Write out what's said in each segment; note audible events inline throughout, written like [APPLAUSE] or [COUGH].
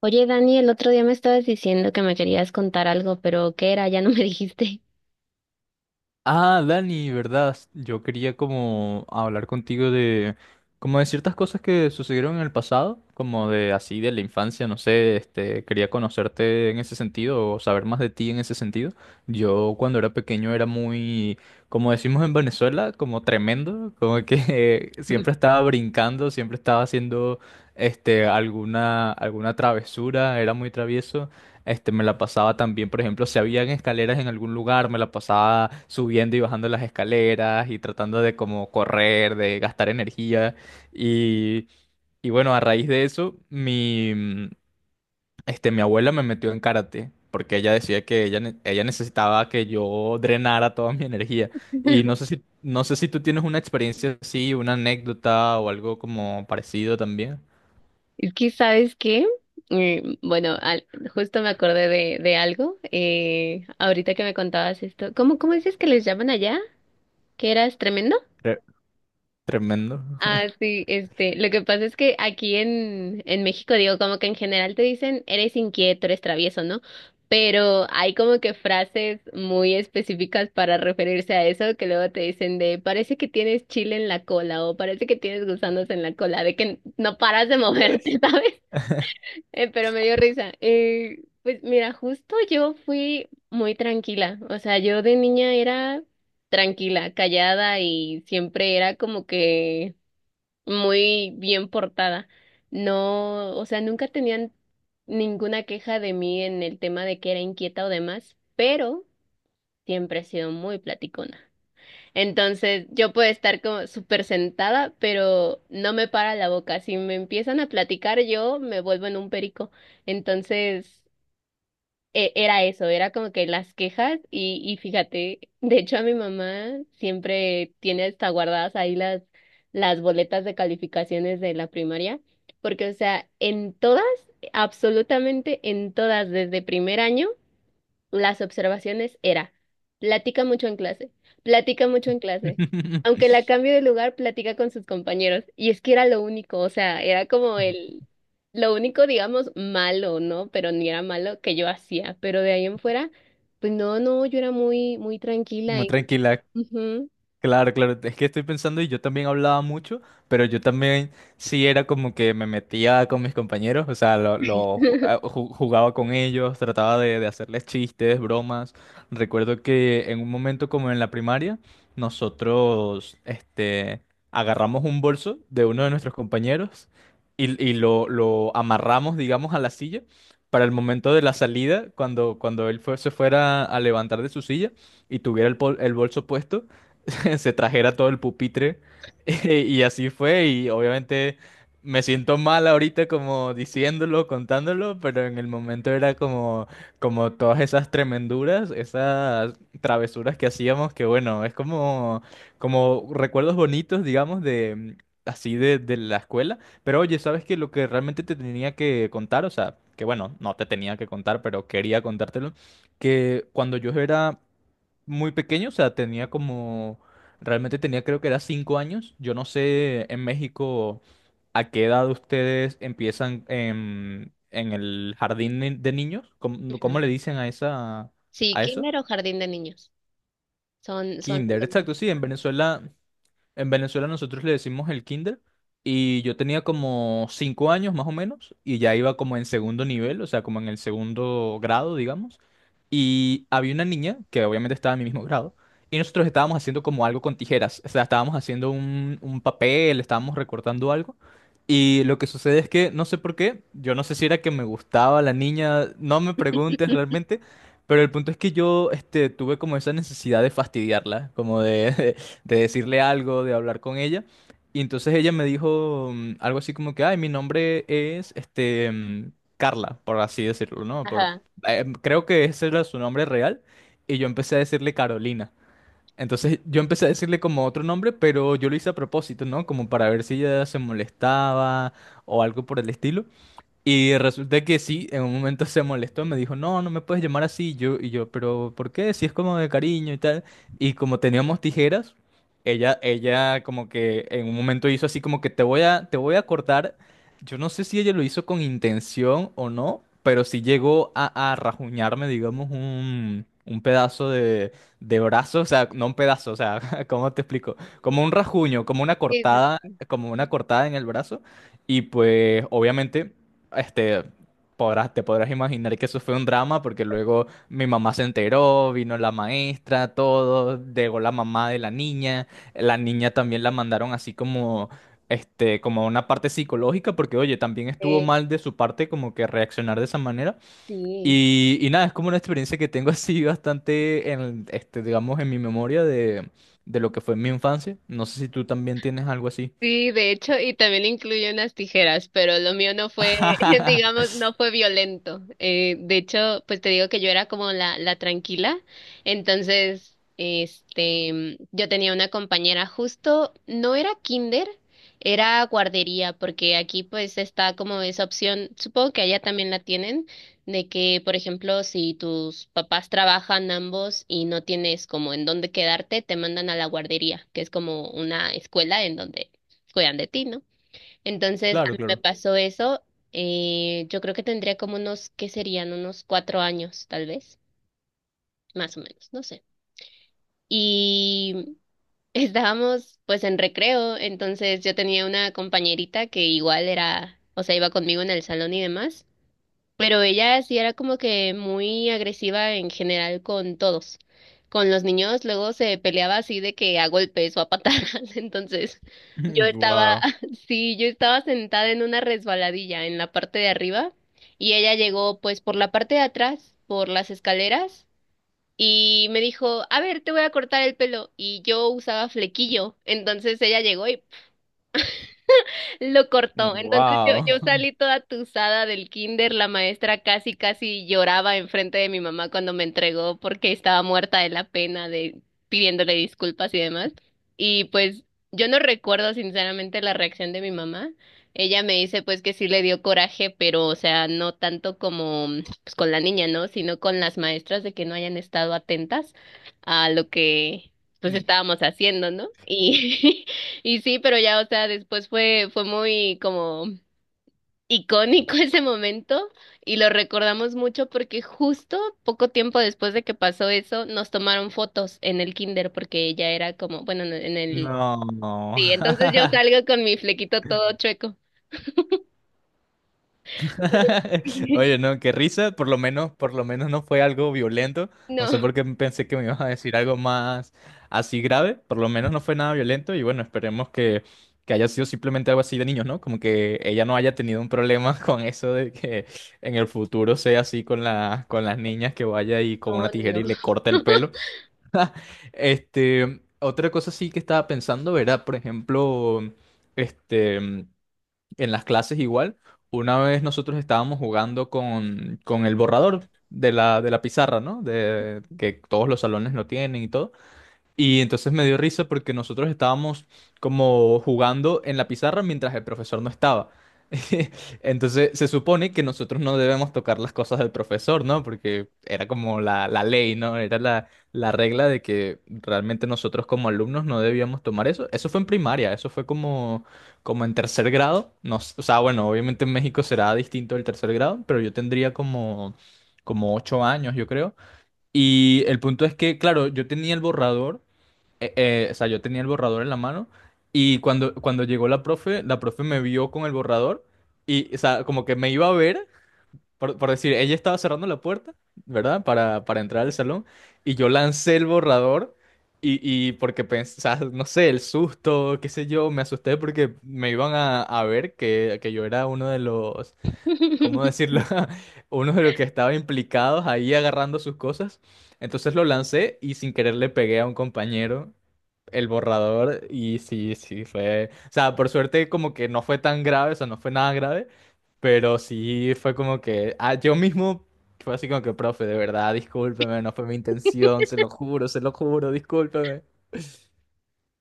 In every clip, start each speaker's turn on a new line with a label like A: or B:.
A: Oye, Dani, el otro día me estabas diciendo que me querías contar algo, pero ¿qué era? Ya no me dijiste.
B: Ah, Dani, ¿verdad? Yo quería como hablar contigo de como de ciertas cosas que sucedieron en el pasado, como de así de la infancia, no sé, quería conocerte en ese sentido o saber más de ti en ese sentido. Yo cuando era pequeño era muy, como decimos en Venezuela, como tremendo, como que [LAUGHS] siempre estaba brincando, siempre estaba haciendo alguna travesura, era muy travieso. Me la pasaba también, por ejemplo, si habían escaleras en algún lugar, me la pasaba subiendo y bajando las escaleras y tratando de como correr, de gastar energía. Y, y bueno, a raíz de eso, mi abuela me metió en karate, porque ella decía que ella necesitaba que yo drenara toda mi energía. Y no
A: [LAUGHS]
B: sé no sé si tú tienes una experiencia así, una anécdota o algo como parecido también.
A: Es que, ¿sabes qué? Eh, bueno, al- Justo me acordé de algo. Ahorita que me contabas esto, ¿cómo dices que les llaman allá? ¿Que eras tremendo?
B: Tre- Tremendo.
A: Ah, sí, lo que pasa es que aquí en México, digo, como que en general te dicen, eres inquieto, eres travieso, ¿no? Pero hay como que frases muy específicas para referirse a eso, que luego te dicen de, parece que tienes chile en la cola o parece que tienes gusanos en la cola, de que no paras de moverte, [LAUGHS] ¿sabes?
B: [LAUGHS]
A: Pero me dio risa. Pues mira, justo yo fui muy tranquila, o sea, yo de niña era tranquila, callada y siempre era como que muy bien portada. No, o sea, nunca tenían ninguna queja de mí en el tema de que era inquieta o demás, pero siempre he sido muy platicona. Entonces, yo puedo estar como súper sentada, pero no me para la boca. Si me empiezan a platicar, yo me vuelvo en un perico. Entonces, era eso, era como que las quejas y fíjate, [LAUGHS] de hecho a mi mamá siempre tiene hasta guardadas ahí las boletas de calificaciones de la primaria, porque o sea, en todas, absolutamente en todas, desde primer año las observaciones era, platica mucho en clase, platica mucho en clase. Aunque la cambie de lugar, platica con sus compañeros. Y es que era lo único, o sea, era como lo único, digamos, malo, ¿no? Pero ni era malo que yo hacía. Pero de ahí en fuera, pues no, yo era muy, muy tranquila
B: Muy
A: y...
B: tranquila.
A: Ujú.
B: Claro, claro, es que estoy pensando y yo también hablaba mucho, pero yo también sí era como que me metía con mis compañeros, o sea, lo ju- a-
A: [LAUGHS]
B: ju- jugaba con ellos, trataba de hacerles chistes, bromas. Recuerdo que en un momento como en la primaria, nosotros, este, agarramos un bolso de uno de nuestros compañeros y lo amarramos, digamos, a la silla para el momento de la salida, cuando se fuera a levantar de su silla y tuviera el bolso puesto, [LAUGHS] se trajera todo el pupitre. [LAUGHS] Y así fue, y obviamente me siento mal ahorita como diciéndolo, contándolo, pero en el momento era como, como todas esas tremenduras, esas travesuras que hacíamos, que bueno, es como, como recuerdos bonitos, digamos, de así de la escuela. Pero oye, ¿sabes que lo que realmente te tenía que contar, o sea, que bueno, no te tenía que contar, pero quería contártelo, que cuando yo era muy pequeño, o sea, tenía como, realmente tenía creo que era 5 años? Yo no sé en México a qué edad ustedes empiezan en el jardín de niños, ¿cómo, cómo
A: Ujú.
B: le dicen a esa,
A: Sí,
B: a eso?
A: kinder o jardín de niños. Son, son
B: Kinder,
A: lo
B: exacto, sí,
A: mismo.
B: en Venezuela nosotros le decimos el kinder y yo tenía como 5 años más o menos y ya iba como en segundo nivel, o sea, como en el segundo grado, digamos. Y había una niña que obviamente estaba en mi mismo grado y nosotros estábamos haciendo como algo con tijeras, o sea, estábamos haciendo un papel, estábamos recortando algo. Y lo que sucede es que no sé por qué, yo no sé si era que me gustaba la niña, no me preguntes realmente, pero el punto es que yo tuve como esa necesidad de fastidiarla, como de... [LAUGHS] de decirle algo, de hablar con ella. Y entonces ella me dijo, algo así como que, ay, mi nombre es, Carla, por así decirlo, ¿no?
A: Ajá.
B: Creo que ese era su nombre real. Y yo empecé a decirle Carolina. Entonces yo empecé a decirle como otro nombre, pero yo lo hice a propósito, ¿no? Como para ver si ella se molestaba o algo por el estilo. Y resulta que sí, en un momento se molestó, me dijo, no, no me puedes llamar así. Y yo, pero ¿por qué? Si es como de cariño y tal. Y como teníamos tijeras, ella como que en un momento hizo así como que te voy a cortar. Yo no sé si ella lo hizo con intención o no, pero sí llegó a rajuñarme, digamos, un pedazo de brazo, o sea, no un pedazo, o sea, [LAUGHS] ¿cómo te explico? Como un rajuño,
A: Sí,
B: como una cortada en el brazo. Y pues, obviamente. Este, Podrás, te podrás imaginar que eso fue un drama porque luego mi mamá se enteró, vino la maestra, todo, llegó la mamá de la niña también la mandaron así como, como a una parte psicológica porque, oye, también estuvo
A: sí,
B: mal de su parte como que reaccionar de esa manera.
A: sí.
B: Y nada, es como una experiencia que tengo [LAUGHS] así bastante en, digamos, en mi memoria de lo que fue mi infancia. No sé si tú también tienes algo así.
A: Sí, de hecho, y también incluye unas tijeras, pero lo mío no fue, [LAUGHS]
B: [LAUGHS]
A: digamos, no fue violento. De hecho, pues te digo que yo era como la tranquila. Entonces, yo tenía una compañera justo, no era kinder, era guardería, porque aquí pues está como esa opción, supongo que allá también la tienen, de que, por ejemplo, si tus papás trabajan ambos y no tienes como en dónde quedarte, te mandan a la guardería, que es como una escuela en donde cuidan de ti, ¿no? Entonces, a
B: Claro,
A: mí me
B: claro.
A: pasó eso. Yo creo que tendría como unos, ¿qué serían? Unos 4 años, tal vez, más o menos, no sé. Y [LAUGHS] estábamos pues en recreo, entonces yo tenía una compañerita que igual era, o sea, iba conmigo en el salón y demás. Pero ella sí era como que muy agresiva en general con todos. Con los niños luego se peleaba así de que a golpes o a patadas. [LAUGHS] Entonces yo
B: [LAUGHS]
A: estaba,
B: Wow.
A: [LAUGHS] sí, yo estaba sentada en una resbaladilla en la parte de arriba y ella llegó pues por la parte de atrás, por las escaleras y me dijo, a ver, te voy a cortar el pelo. Y yo usaba flequillo. Entonces ella llegó y lo cortó. Entonces
B: Wow.
A: yo salí toda tusada del kinder. La maestra casi, casi lloraba enfrente de mi mamá cuando me entregó porque estaba muerta de la pena de pidiéndole disculpas y demás. Y pues yo no recuerdo sinceramente la reacción de mi mamá. Ella me dice pues que sí le dio coraje, pero o sea, no tanto como pues, con la niña, ¿no? Sino con las maestras de que no hayan estado atentas a lo que pues
B: No,
A: estábamos haciendo, ¿no? Y [LAUGHS] Y sí, pero ya, o sea, después fue, fue muy como icónico [LAUGHS] ese momento y lo recordamos mucho porque justo poco tiempo después de que pasó eso, nos tomaron fotos en el kinder porque ella era como, bueno, no, en el...
B: no.
A: Sí, entonces yo
B: [LAUGHS]
A: salgo con mi flequito todo chueco.
B: Oye,
A: [LAUGHS]
B: no, qué risa. Por lo menos no fue algo violento. No sé
A: No,
B: por qué pensé que me ibas a decir algo más así grave. Por lo menos no fue nada violento. Y bueno, esperemos que haya sido simplemente algo así de niños, ¿no? Como que ella no haya tenido un problema [LAUGHS] con eso de que en el futuro sea así con la, con las niñas que vaya y con
A: no,
B: una tijera
A: no, no.
B: y le corta el pelo. [LAUGHS] Otra cosa sí que estaba pensando era, por ejemplo, este. En las clases igual. Una vez nosotros estábamos jugando con el borrador de la pizarra, ¿no? De, que todos los salones lo tienen y todo. Y entonces me dio risa porque nosotros estábamos como jugando en la pizarra mientras el profesor no estaba. [LAUGHS] Entonces se supone que nosotros no debemos tocar las cosas del profesor, ¿no? Porque era como la ley, ¿no? Era la, la regla de que realmente nosotros como alumnos no debíamos tomar eso. Eso fue en primaria, eso fue como, como en tercer grado. No, s- O sea, bueno, obviamente en México será distinto el tercer grado, pero yo tendría como, como 8 años, yo creo. Y el punto es que, claro, yo tenía el borrador, o sea, yo tenía el borrador en la mano y cuando llegó la profe me vio con el borrador y, o sea, como que me iba a ver, por decir, ella estaba cerrando la puerta, ¿verdad? Para entrar al salón, y yo lancé el borrador y porque pensé, o sea, no sé, el susto, qué sé yo, me asusté porque me iban a ver que yo era uno de los, ¿cómo
A: [LAUGHS]
B: decirlo? [LAUGHS] Uno de los que estaba implicados ahí agarrando sus cosas. Entonces lo lancé y sin querer le pegué a un compañero el borrador y sí, sí, fue, o sea, por suerte como que no fue tan grave, o sea, no fue nada grave, pero sí fue como que, ah, yo mismo fue así como que, profe, de verdad, discúlpeme, no fue mi intención, se lo juro, discúlpeme.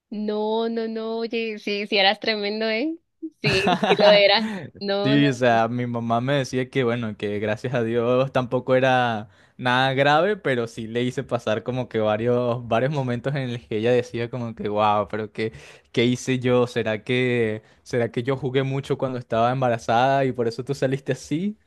A: No, no, no, oye, sí, sí eras tremendo, ¿eh? Sí, sí lo eras.
B: [LAUGHS]
A: No, no,
B: Sí, o
A: no.
B: sea, mi mamá me decía que bueno, que gracias a Dios tampoco era nada grave, pero sí le hice pasar como que varios, varios momentos en los que ella decía como que wow, pero qué, qué hice yo, será que yo jugué mucho cuando estaba embarazada y por eso tú saliste así?